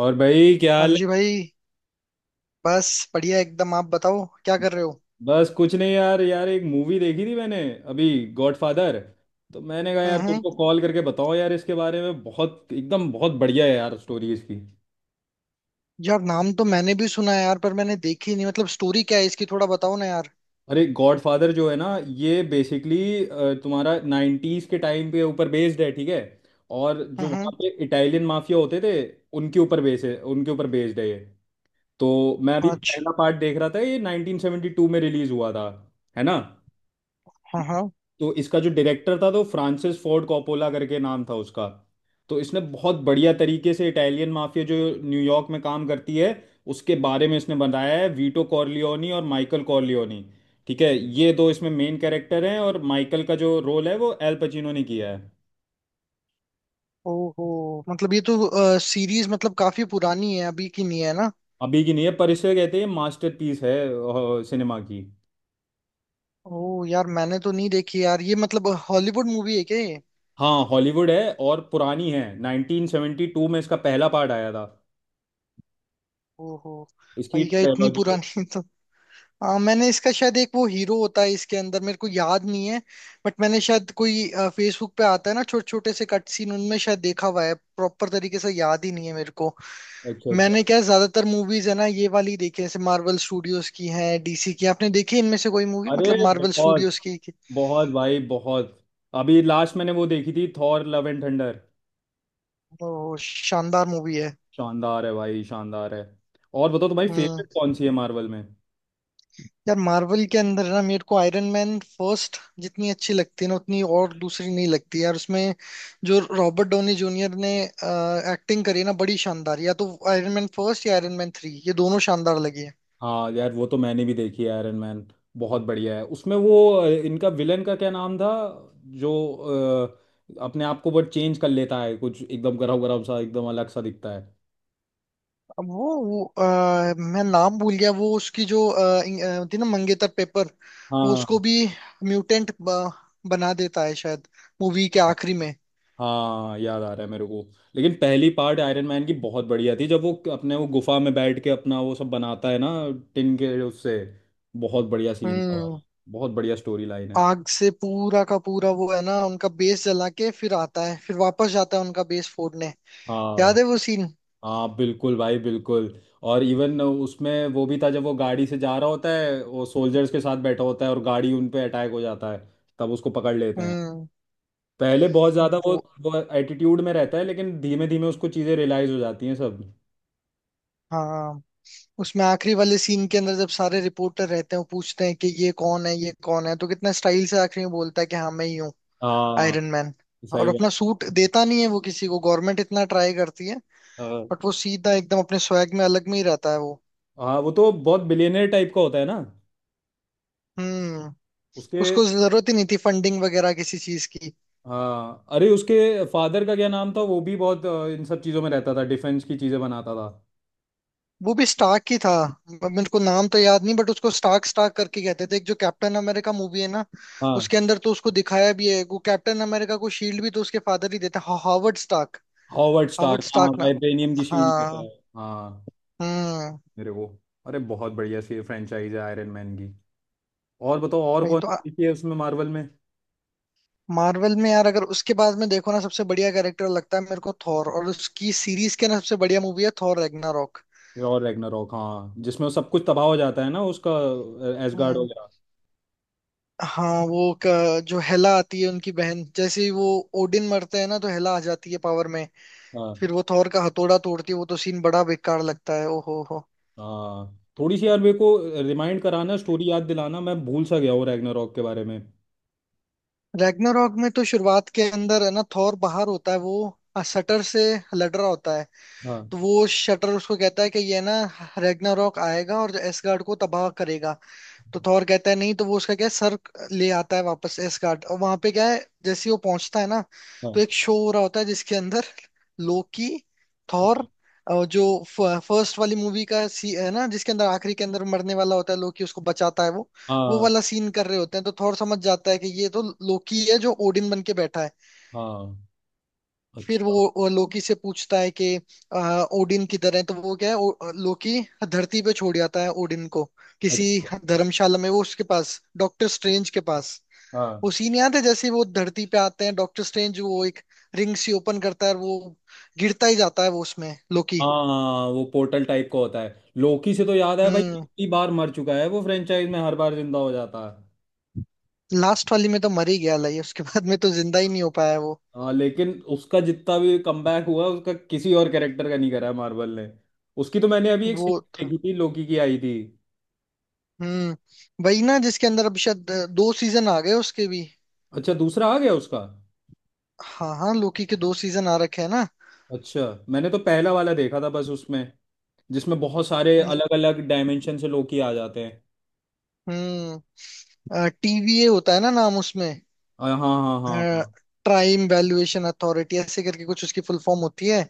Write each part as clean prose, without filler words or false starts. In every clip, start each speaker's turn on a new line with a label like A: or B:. A: और भाई, क्या हाल
B: हाँ जी
A: है?
B: भाई। बस बढ़िया एकदम, आप बताओ क्या कर रहे हो?
A: बस कुछ नहीं यार, यार एक मूवी देखी थी मैंने, अभी, गॉडफादर। तो मैंने कहा
B: हम्म
A: यार,
B: हम्म।
A: तुमको कॉल करके बताओ यार इसके बारे में, बहुत एकदम बहुत बढ़िया है यार, स्टोरी इसकी।
B: यार, नाम तो मैंने भी सुना है यार, पर मैंने देखी नहीं। मतलब स्टोरी क्या है इसकी, थोड़ा बताओ ना यार।
A: अरे, गॉडफादर जो है ना, ये बेसिकली तुम्हारा नाइन्टीज के टाइम पे ऊपर बेस्ड है, ठीक है। और जो
B: हम्म
A: वहाँ
B: हम्म।
A: पे इटालियन माफिया होते थे, उनके ऊपर बेस्ड है ये। तो मैं अभी
B: अच्छा।
A: पहला पार्ट देख रहा था, ये 1972 में रिलीज हुआ था, है ना।
B: हाँ हाँ।
A: तो इसका जो डायरेक्टर था, तो फ्रांसिस फोर्ड कोपोला करके नाम था उसका। तो इसने बहुत बढ़िया तरीके से इटालियन माफिया जो न्यूयॉर्क में काम करती है, उसके बारे में इसने बनाया है। वीटो कॉर्लियोनी और माइकल कॉर्लियोनी, ठीक है, ये दो इसमें मेन कैरेक्टर हैं, और माइकल का जो रोल है वो एल पचिनो ने किया है।
B: ओहो, मतलब ये तो सीरीज मतलब काफी पुरानी है, अभी की नहीं है ना?
A: अभी की नहीं है, पर इसे कहते हैं मास्टरपीस है सिनेमा की।
B: ओह यार, मैंने तो नहीं देखी यार ये, मतलब हॉलीवुड मूवी है क्या ये?
A: हाँ, हॉलीवुड है और पुरानी है, 1972 में इसका पहला पार्ट आया था।
B: ओहो।
A: इसकी
B: भाई, क्या इतनी
A: ट्रायोलॉजी है।
B: पुरानी! मैंने इसका शायद एक वो हीरो होता है इसके अंदर, मेरे को याद नहीं है। बट मैंने शायद कोई, फेसबुक पे आता है ना छोटे छोटे से कट सीन, उनमें शायद देखा हुआ है। प्रॉपर तरीके से याद ही नहीं है मेरे को।
A: अच्छा, अच्छा।
B: मैंने क्या है, ज्यादातर मूवीज है ना ये वाली देखी है, जैसे मार्वल स्टूडियोज की है, डीसी की आपने देखी है इनमें से कोई मूवी?
A: अरे,
B: मतलब मार्वल
A: बहुत,
B: स्टूडियोज की।
A: बहुत भाई, बहुत। अभी लास्ट मैंने वो देखी थी, थॉर लव एंड थंडर।
B: ओ, शानदार मूवी है।
A: शानदार है भाई, शानदार है। और बताओ तुम्हारी
B: हम्म।
A: फेवरेट कौन सी है मार्वल में?
B: यार, मार्वल के अंदर ना मेरे को आयरन मैन फर्स्ट जितनी अच्छी लगती है ना, उतनी और दूसरी नहीं लगती यार उसमें। जो रॉबर्ट डोनी जूनियर ने एक्टिंग करी ना बड़ी शानदार, या तो आयरन मैन फर्स्ट या आयरन मैन थ्री, ये दोनों शानदार लगी है।
A: हाँ यार, वो तो मैंने भी देखी है आयरन मैन, बहुत बढ़िया है। उसमें वो इनका विलन का क्या नाम था जो अपने आप को बट चेंज कर लेता है, कुछ एकदम गरम गरम सा, एकदम अलग सा दिखता है।
B: अब वो मैं नाम भूल गया, वो उसकी जो होती है ना, मंगेतर पेपर। वो उसको
A: हाँ,
B: भी म्यूटेंट बना देता है शायद, मूवी के
A: हाँ।
B: आखिरी में।
A: हाँ, याद आ रहा है मेरे को। लेकिन पहली पार्ट आयरन मैन की बहुत बढ़िया थी, जब वो अपने वो गुफा में बैठ के अपना वो सब बनाता है ना, टिन के उससे। बहुत बढ़िया सीन था
B: हम्म।
A: भाई, बहुत बढ़िया स्टोरी लाइन है।
B: आग से पूरा का पूरा वो है ना, उनका बेस जला के फिर आता है, फिर वापस जाता है उनका बेस फोड़ने।
A: हाँ,
B: याद है वो सीन?
A: हाँ बिल्कुल भाई, बिल्कुल। और इवन उसमें वो भी था, जब वो गाड़ी से जा रहा होता है, वो सोल्जर्स के साथ बैठा होता है और गाड़ी उन पे अटैक हो जाता है, तब उसको पकड़ लेते हैं।
B: हम्म।
A: पहले बहुत ज़्यादा
B: वो।
A: वो एटीट्यूड में रहता है, लेकिन धीमे धीमे उसको चीज़ें रियलाइज हो जाती हैं सब।
B: हाँ। उसमें आखिरी वाले सीन के अंदर जब सारे रिपोर्टर रहते हैं, वो पूछते हैं कि ये कौन है, ये कौन है, तो कितना स्टाइल से आखिरी में बोलता है कि हाँ, मैं ही हूँ
A: हाँ,
B: आयरन मैन। और
A: सही
B: अपना
A: बात।
B: सूट देता नहीं है वो किसी को, गवर्नमेंट इतना ट्राई करती है।
A: हाँ।
B: बट वो सीधा एकदम अपने स्वैग में, अलग में ही रहता है वो।
A: हाँ, वो तो बहुत बिलियनर टाइप का होता है ना,
B: हम्म।
A: उसके।
B: उसको जरूरत ही नहीं थी फंडिंग वगैरह किसी चीज की।
A: हाँ, अरे, उसके फादर का क्या नाम था? वो भी बहुत इन सब चीज़ों में रहता था, डिफेंस की चीज़ें बनाता था।
B: वो भी स्टार्क ही था। मेरे को नाम तो याद नहीं, बट उसको स्टार्क स्टार्क करके कहते थे, एक जो कैप्टन अमेरिका मूवी है ना।
A: हाँ,
B: उसके अंदर तो उसको दिखाया भी है, वो कैप्टन अमेरिका को शील्ड भी तो उसके फादर ही देते हैं, Howard Stark.
A: Howard
B: Howard
A: Stark, हाँ,
B: स्टार्क ना।
A: वाइब्रेनियम की शील्ड रहता है।
B: हाँ।
A: हाँ।
B: हम्म।
A: मेरे वो, अरे, बहुत बढ़िया सी फ्रेंचाइज है आयरन मैन की। और बताओ और
B: वही
A: कौन
B: तो।
A: सी देखी है उसमें मार्वल में?
B: मार्वल में यार अगर उसके बाद में देखो ना, सबसे बढ़िया कैरेक्टर लगता है मेरे को थॉर, और उसकी सीरीज के ना सबसे बढ़िया मूवी है थॉर रैग्नारोक।
A: और रैग्नारॉक, हाँ, जिसमें सब कुछ तबाह हो जाता है ना उसका, एसगार्ड
B: हम्म।
A: वगैरह।
B: हाँ, वो जो हेला आती है उनकी बहन, जैसे ही वो ओडिन मरते हैं ना, तो हेला आ जाती है पावर में। फिर
A: हाँ।
B: वो थॉर का हथौड़ा तोड़ती है, वो तो सीन बड़ा बेकार लगता है। ओहो हो।
A: हाँ, थोड़ी सी यार मेरे को रिमाइंड कराना, स्टोरी याद दिलाना, मैं भूल सा गया हूँ रैग्नारॉक के बारे में।
B: रैग्नारॉक में तो शुरुआत के अंदर है ना, थॉर बाहर होता है, वो शटर से लड़ रहा होता है।
A: हाँ,
B: तो वो शटर उसको कहता है कि ये ना रैग्नारॉक आएगा और एसगार्ड को तबाह करेगा। तो थॉर कहता है नहीं, तो वो उसका क्या है, सर ले आता है वापस एसगार्ड, और वहां पे क्या है जैसे ही वो पहुंचता है ना। तो
A: हाँ,
B: एक शो हो रहा होता है जिसके अंदर लोकी, थॉर, और जो फर्स्ट वाली मूवी का सी है ना, जिसके अंदर आखिरी के अंदर मरने वाला होता है लोकी, उसको बचाता है वो। वो
A: हाँ,
B: वाला सीन कर रहे होते हैं, तो थॉर समझ जाता है कि ये तो लोकी है जो ओडिन बन के बैठा है।
A: हाँ।
B: फिर
A: अच्छा,
B: वो लोकी से पूछता है कि ओडिन किधर है, तो वो क्या है लोकी धरती पे छोड़ जाता है ओडिन को किसी
A: अच्छा।
B: धर्मशाला में, वो उसके पास डॉक्टर स्ट्रेंज के पास।
A: हाँ।
B: वो सीन याद है जैसे वो धरती पे आते हैं, डॉक्टर स्ट्रेंज वो एक रिंग सी ओपन करता है, और वो गिरता ही जाता है वो उसमें लोकी।
A: हाँ, वो पोर्टल टाइप का होता है, लोकी से तो याद है भाई,
B: हम्म।
A: कितनी बार मर चुका है वो फ्रेंचाइज में, हर बार जिंदा हो जाता है।
B: लास्ट वाली में तो मर ही गया लाइए, उसके बाद में तो जिंदा ही नहीं हो पाया वो।
A: हाँ, लेकिन उसका जितना भी कमबैक हुआ, उसका किसी और कैरेक्टर का नहीं करा है मार्वल ने। उसकी तो मैंने अभी एक
B: वो
A: सीरीज
B: तो।
A: देखी थी, लोकी की आई थी।
B: हम्म। वही ना जिसके अंदर अभी शायद दो सीजन आ गए उसके भी।
A: अच्छा, दूसरा आ गया उसका?
B: हाँ हाँ, लोकी के दो सीजन आ रखे हैं ना।
A: अच्छा। मैंने तो पहला वाला देखा था बस, उसमें जिसमें बहुत सारे अलग अलग डायमेंशन से लोकी आ जाते हैं।
B: हम्म। टीवीए होता है ना नाम उसमें।
A: हाँ, हाँ, हाँ, हाँ।
B: टाइम वैल्यूएशन अथॉरिटी ऐसे करके कुछ उसकी फुल फॉर्म होती है,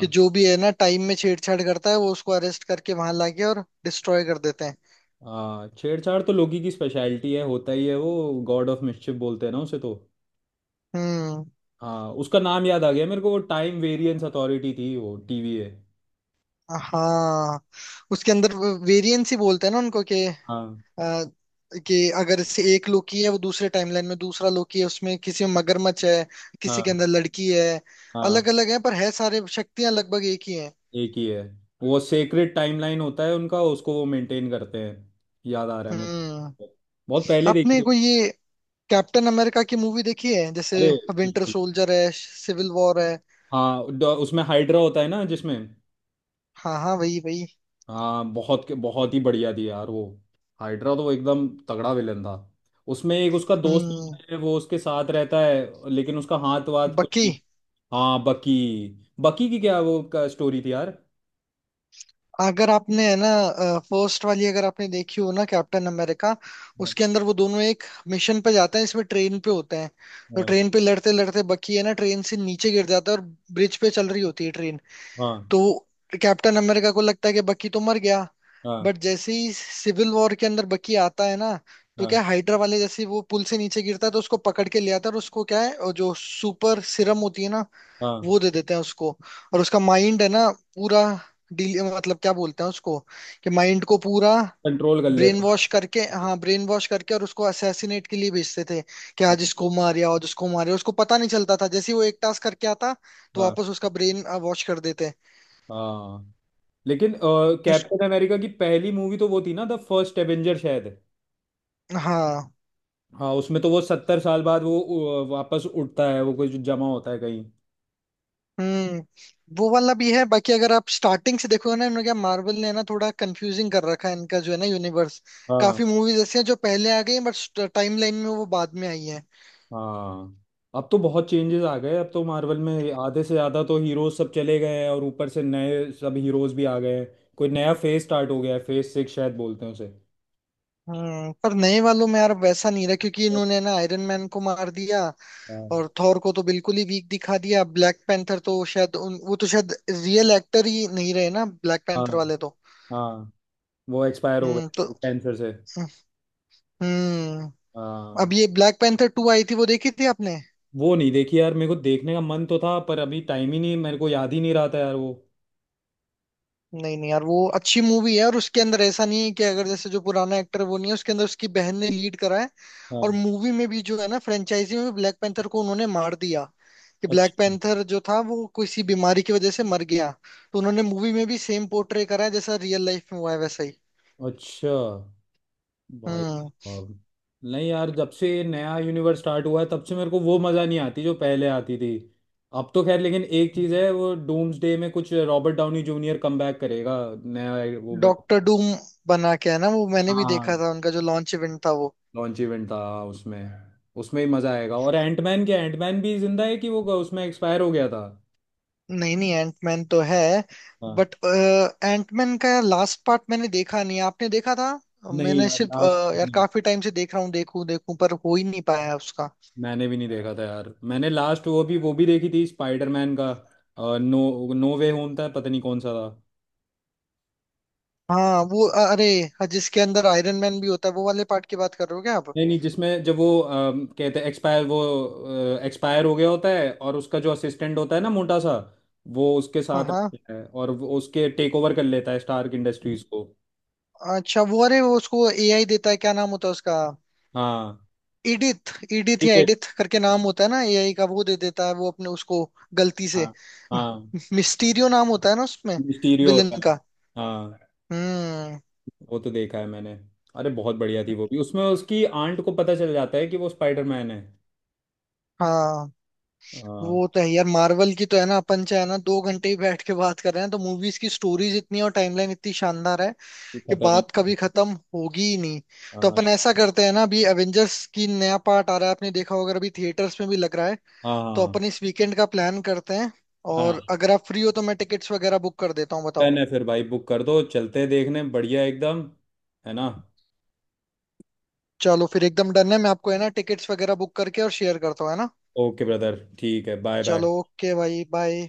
B: कि जो भी है ना टाइम में छेड़छाड़ करता है, वो उसको अरेस्ट करके वहां लाके और डिस्ट्रॉय कर देते हैं।
A: हाँ, छेड़छाड़ तो लोकी की स्पेशलिटी है, होता ही है वो। गॉड ऑफ मिस्chiफ बोलते हैं ना उसे तो।
B: हम्म।
A: हाँ, उसका नाम याद आ गया मेरे को, वो टाइम वेरियंस अथॉरिटी थी वो, टीवीए।
B: हाँ। उसके अंदर वेरिएंस ही बोलते हैं ना उनको
A: हाँ।
B: अ, कि अगर इससे एक लोकी है, वो दूसरे टाइमलाइन में दूसरा लोकी है, उसमें किसी में मगरमच्छ है, किसी के अंदर
A: हाँ।
B: लड़की है।
A: हाँ।
B: अलग अलग है, पर है सारे शक्तियां लगभग एक ही हैं।
A: एक ही है। वो सेक्रेट टाइमलाइन होता है उनका, उसको वो मेंटेन करते हैं, याद आ रहा है मेरे
B: हम्म।
A: को, बहुत पहले देखी
B: आपने
A: है।
B: कोई ये कैप्टन अमेरिका की मूवी देखी है, जैसे
A: अरे,
B: विंटर
A: बिल्कुल।
B: सोल्जर है, सिविल वॉर है?
A: हाँ, उसमें हाइड्रा होता है ना जिसमें।
B: हाँ हाँ, वही वही।
A: हाँ, बहुत, बहुत ही बढ़िया थी यार वो। हाइड्रा तो एकदम तगड़ा विलन था। उसमें एक उसका दोस्त
B: हम्म।
A: होता है वो उसके साथ रहता है, लेकिन उसका हाथ वाथ कुछ
B: बकी।
A: नहीं। हाँ, बकी। बकी की क्या वो का स्टोरी थी यार।
B: अगर आपने है ना फर्स्ट वाली अगर आपने देखी हो ना कैप्टन अमेरिका, उसके अंदर वो दोनों एक मिशन पे जाते हैं, इसमें ट्रेन पे होते हैं। तो
A: हाँ,
B: ट्रेन पे लड़ते लड़ते बकी है ना ट्रेन से नीचे गिर जाता है, और ब्रिज पे चल रही होती है ट्रेन।
A: हाँ,
B: तो कैप्टन अमेरिका को लगता है कि बकी तो मर गया।
A: हाँ,
B: बट जैसे ही सिविल वॉर के अंदर बकी आता है ना, तो
A: हाँ। हाँ।
B: क्या, हाइड्रा वाले जैसे ही वो पुल से नीचे गिरता है, तो उसको पकड़ के ले आता है, और उसको क्या है, और जो सुपर सिरम होती है ना।
A: हाँ।
B: वो दे देते हैं उसको, और उसका माइंड है ना पूरा डील, मतलब क्या बोलते हैं उसको, कि माइंड को पूरा
A: कंट्रोल कर
B: ब्रेन
A: लेता।
B: वॉश करके, हाँ, ब्रेन वॉश करके, और उसको असैसिनेट के लिए भेजते थे। कि
A: हाँ।
B: आज इसको मार या आज उसको मार, या उसको पता नहीं चलता था, जैसे ही वो एक टास्क करके आता तो
A: हाँ।
B: वापस उसका ब्रेन वॉश कर देते।
A: हाँ। लेकिन कैप्टन अमेरिका की पहली मूवी तो वो थी ना, द फर्स्ट एवेंजर शायद।
B: हाँ।
A: हाँ, उसमें तो वो सत्तर साल बाद वो वापस उठता है, वो कुछ जमा होता है कहीं।
B: हम्म। वो वाला भी है। बाकी अगर आप स्टार्टिंग से देखोगे ना, इन्होंने क्या मार्वल ने ना थोड़ा कंफ्यूजिंग कर रखा है इनका जो है ना यूनिवर्स।
A: हाँ।
B: काफी मूवीज ऐसी हैं जो पहले आ गई हैं, बट टाइमलाइन में वो बाद में आई हैं।
A: हाँ, अब तो बहुत चेंजेस आ गए, अब तो मार्वल में आधे से ज़्यादा तो हीरोज सब चले गए हैं, और ऊपर से नए सब हीरोज भी आ गए हैं। कोई नया फेज स्टार्ट हो गया है, फेज सिक्स शायद बोलते हैं उसे।
B: हम्म। पर नए वालों में यार वैसा नहीं रहा, क्योंकि इन्होंने ना आयरन मैन को मार दिया।
A: हाँ।
B: और थॉर को तो बिल्कुल ही वीक दिखा दिया। ब्लैक पैंथर तो शायद वो तो शायद रियल एक्टर ही नहीं रहे ना ब्लैक
A: हाँ।
B: पैंथर वाले तो।
A: हाँ, वो एक्सपायर हो
B: हम्म। तो
A: गए, कैंसर से।
B: हम्म।
A: हाँ।
B: अब ये ब्लैक पैंथर टू आई थी, वो देखी थी आपने?
A: वो नहीं देखी यार, मेरे को देखने का मन तो था पर अभी टाइम ही नहीं, मेरे को याद ही नहीं रहा था यार वो।
B: नहीं नहीं यार, वो अच्छी मूवी है। और उसके अंदर ऐसा नहीं है कि अगर जैसे जो पुराना एक्टर वो नहीं है, उसके अंदर उसकी बहन ने लीड करा है। और
A: हाँ।
B: मूवी में भी जो है ना, फ्रेंचाइजी में भी ब्लैक पैंथर को उन्होंने मार दिया। कि ब्लैक
A: अच्छा,
B: पैंथर जो था वो किसी बीमारी की वजह से मर गया। तो उन्होंने मूवी में भी सेम पोर्ट्रे करा है, जैसा रियल लाइफ में हुआ है वैसा ही।
A: अच्छा। भाई
B: हम्म।
A: साहब, नहीं यार, जब से ये नया यूनिवर्स स्टार्ट हुआ है, तब से मेरे को वो मज़ा नहीं आती जो पहले आती थी। अब तो खैर, लेकिन एक चीज़ है, वो डूम्सडे में कुछ रॉबर्ट डाउनी जूनियर कमबैक करेगा, नया। वो बन-
B: डॉक्टर डूम बना के है ना वो, मैंने भी देखा
A: हाँ,
B: था उनका जो लॉन्च इवेंट था वो।
A: लॉन्च इवेंट था, हाँ, उसमें उसमें ही मज़ा आएगा। और एंटमैन, क्या एंटमैन भी जिंदा है कि वो उसमें एक्सपायर हो गया था?
B: नहीं नहीं, एंटमैन तो है।
A: हाँ।
B: बट एंटमैन का लास्ट पार्ट मैंने देखा नहीं, आपने देखा था?
A: नहीं
B: मैंने
A: यार,
B: सिर्फ
A: लास्ट।
B: यार काफी टाइम से देख रहा हूँ, देखूं देखूं पर हो ही नहीं पाया उसका।
A: मैंने भी नहीं देखा था यार, मैंने लास्ट वो भी देखी थी, स्पाइडरमैन का नो नो वे होम था, पता नहीं कौन सा था।
B: हाँ वो अरे हाँ, जिसके अंदर आयरन मैन भी होता है वो वाले पार्ट की बात कर रहे हो क्या आप?
A: नहीं, नहीं, जिसमें जब वो कहते हैं एक्सपायर, वो एक्सपायर हो गया होता है, और उसका जो असिस्टेंट होता है ना, मोटा सा, वो उसके
B: हाँ
A: साथ
B: हाँ।
A: रहता है और वो उसके टेक ओवर कर लेता है स्टार्क इंडस्ट्रीज को।
B: अच्छा वो, अरे वो उसको एआई देता है, क्या नाम होता है उसका?
A: हाँ,
B: इडिथ इडिथ
A: ठीक
B: या
A: है।
B: एडिथ करके नाम होता है ना एआई का, वो दे देता है वो अपने उसको गलती से।
A: हाँ। हाँ,
B: मिस्टीरियो नाम होता है ना उसमें
A: मिस्टीरियो
B: विलन
A: होता है।
B: का।
A: हाँ,
B: हम्म।
A: वो तो देखा है मैंने। अरे, बहुत बढ़िया थी वो भी, उसमें उसकी आंट को पता चल जाता है कि वो स्पाइडरमैन है।
B: हाँ,
A: हाँ।
B: वो तो है यार। मार्वल की तो है ना, अपन चाहे ना 2 घंटे ही बैठ के बात कर रहे हैं, तो मूवीज की स्टोरीज इतनी और टाइमलाइन इतनी शानदार है
A: ये
B: कि
A: खतरनाक।
B: बात कभी खत्म होगी ही नहीं। तो
A: हाँ।
B: अपन ऐसा करते हैं ना, अभी एवेंजर्स की नया पार्ट आ रहा है, आपने देखा होगा अगर, अभी थिएटर्स में भी लग रहा है। तो
A: हाँ।
B: अपन इस वीकेंड का प्लान करते हैं,
A: हाँ,
B: और अगर आप फ्री हो तो मैं टिकट्स वगैरह बुक कर देता हूँ, बताओ।
A: डन है फिर भाई, बुक कर दो, चलते हैं देखने, बढ़िया एकदम, है ना।
B: चलो फिर एकदम डन है, मैं आपको है ना टिकट्स वगैरह बुक करके और शेयर करता हूँ, है ना।
A: ओके ब्रदर, ठीक है, बाय बाय।
B: चलो ओके भाई, बाय।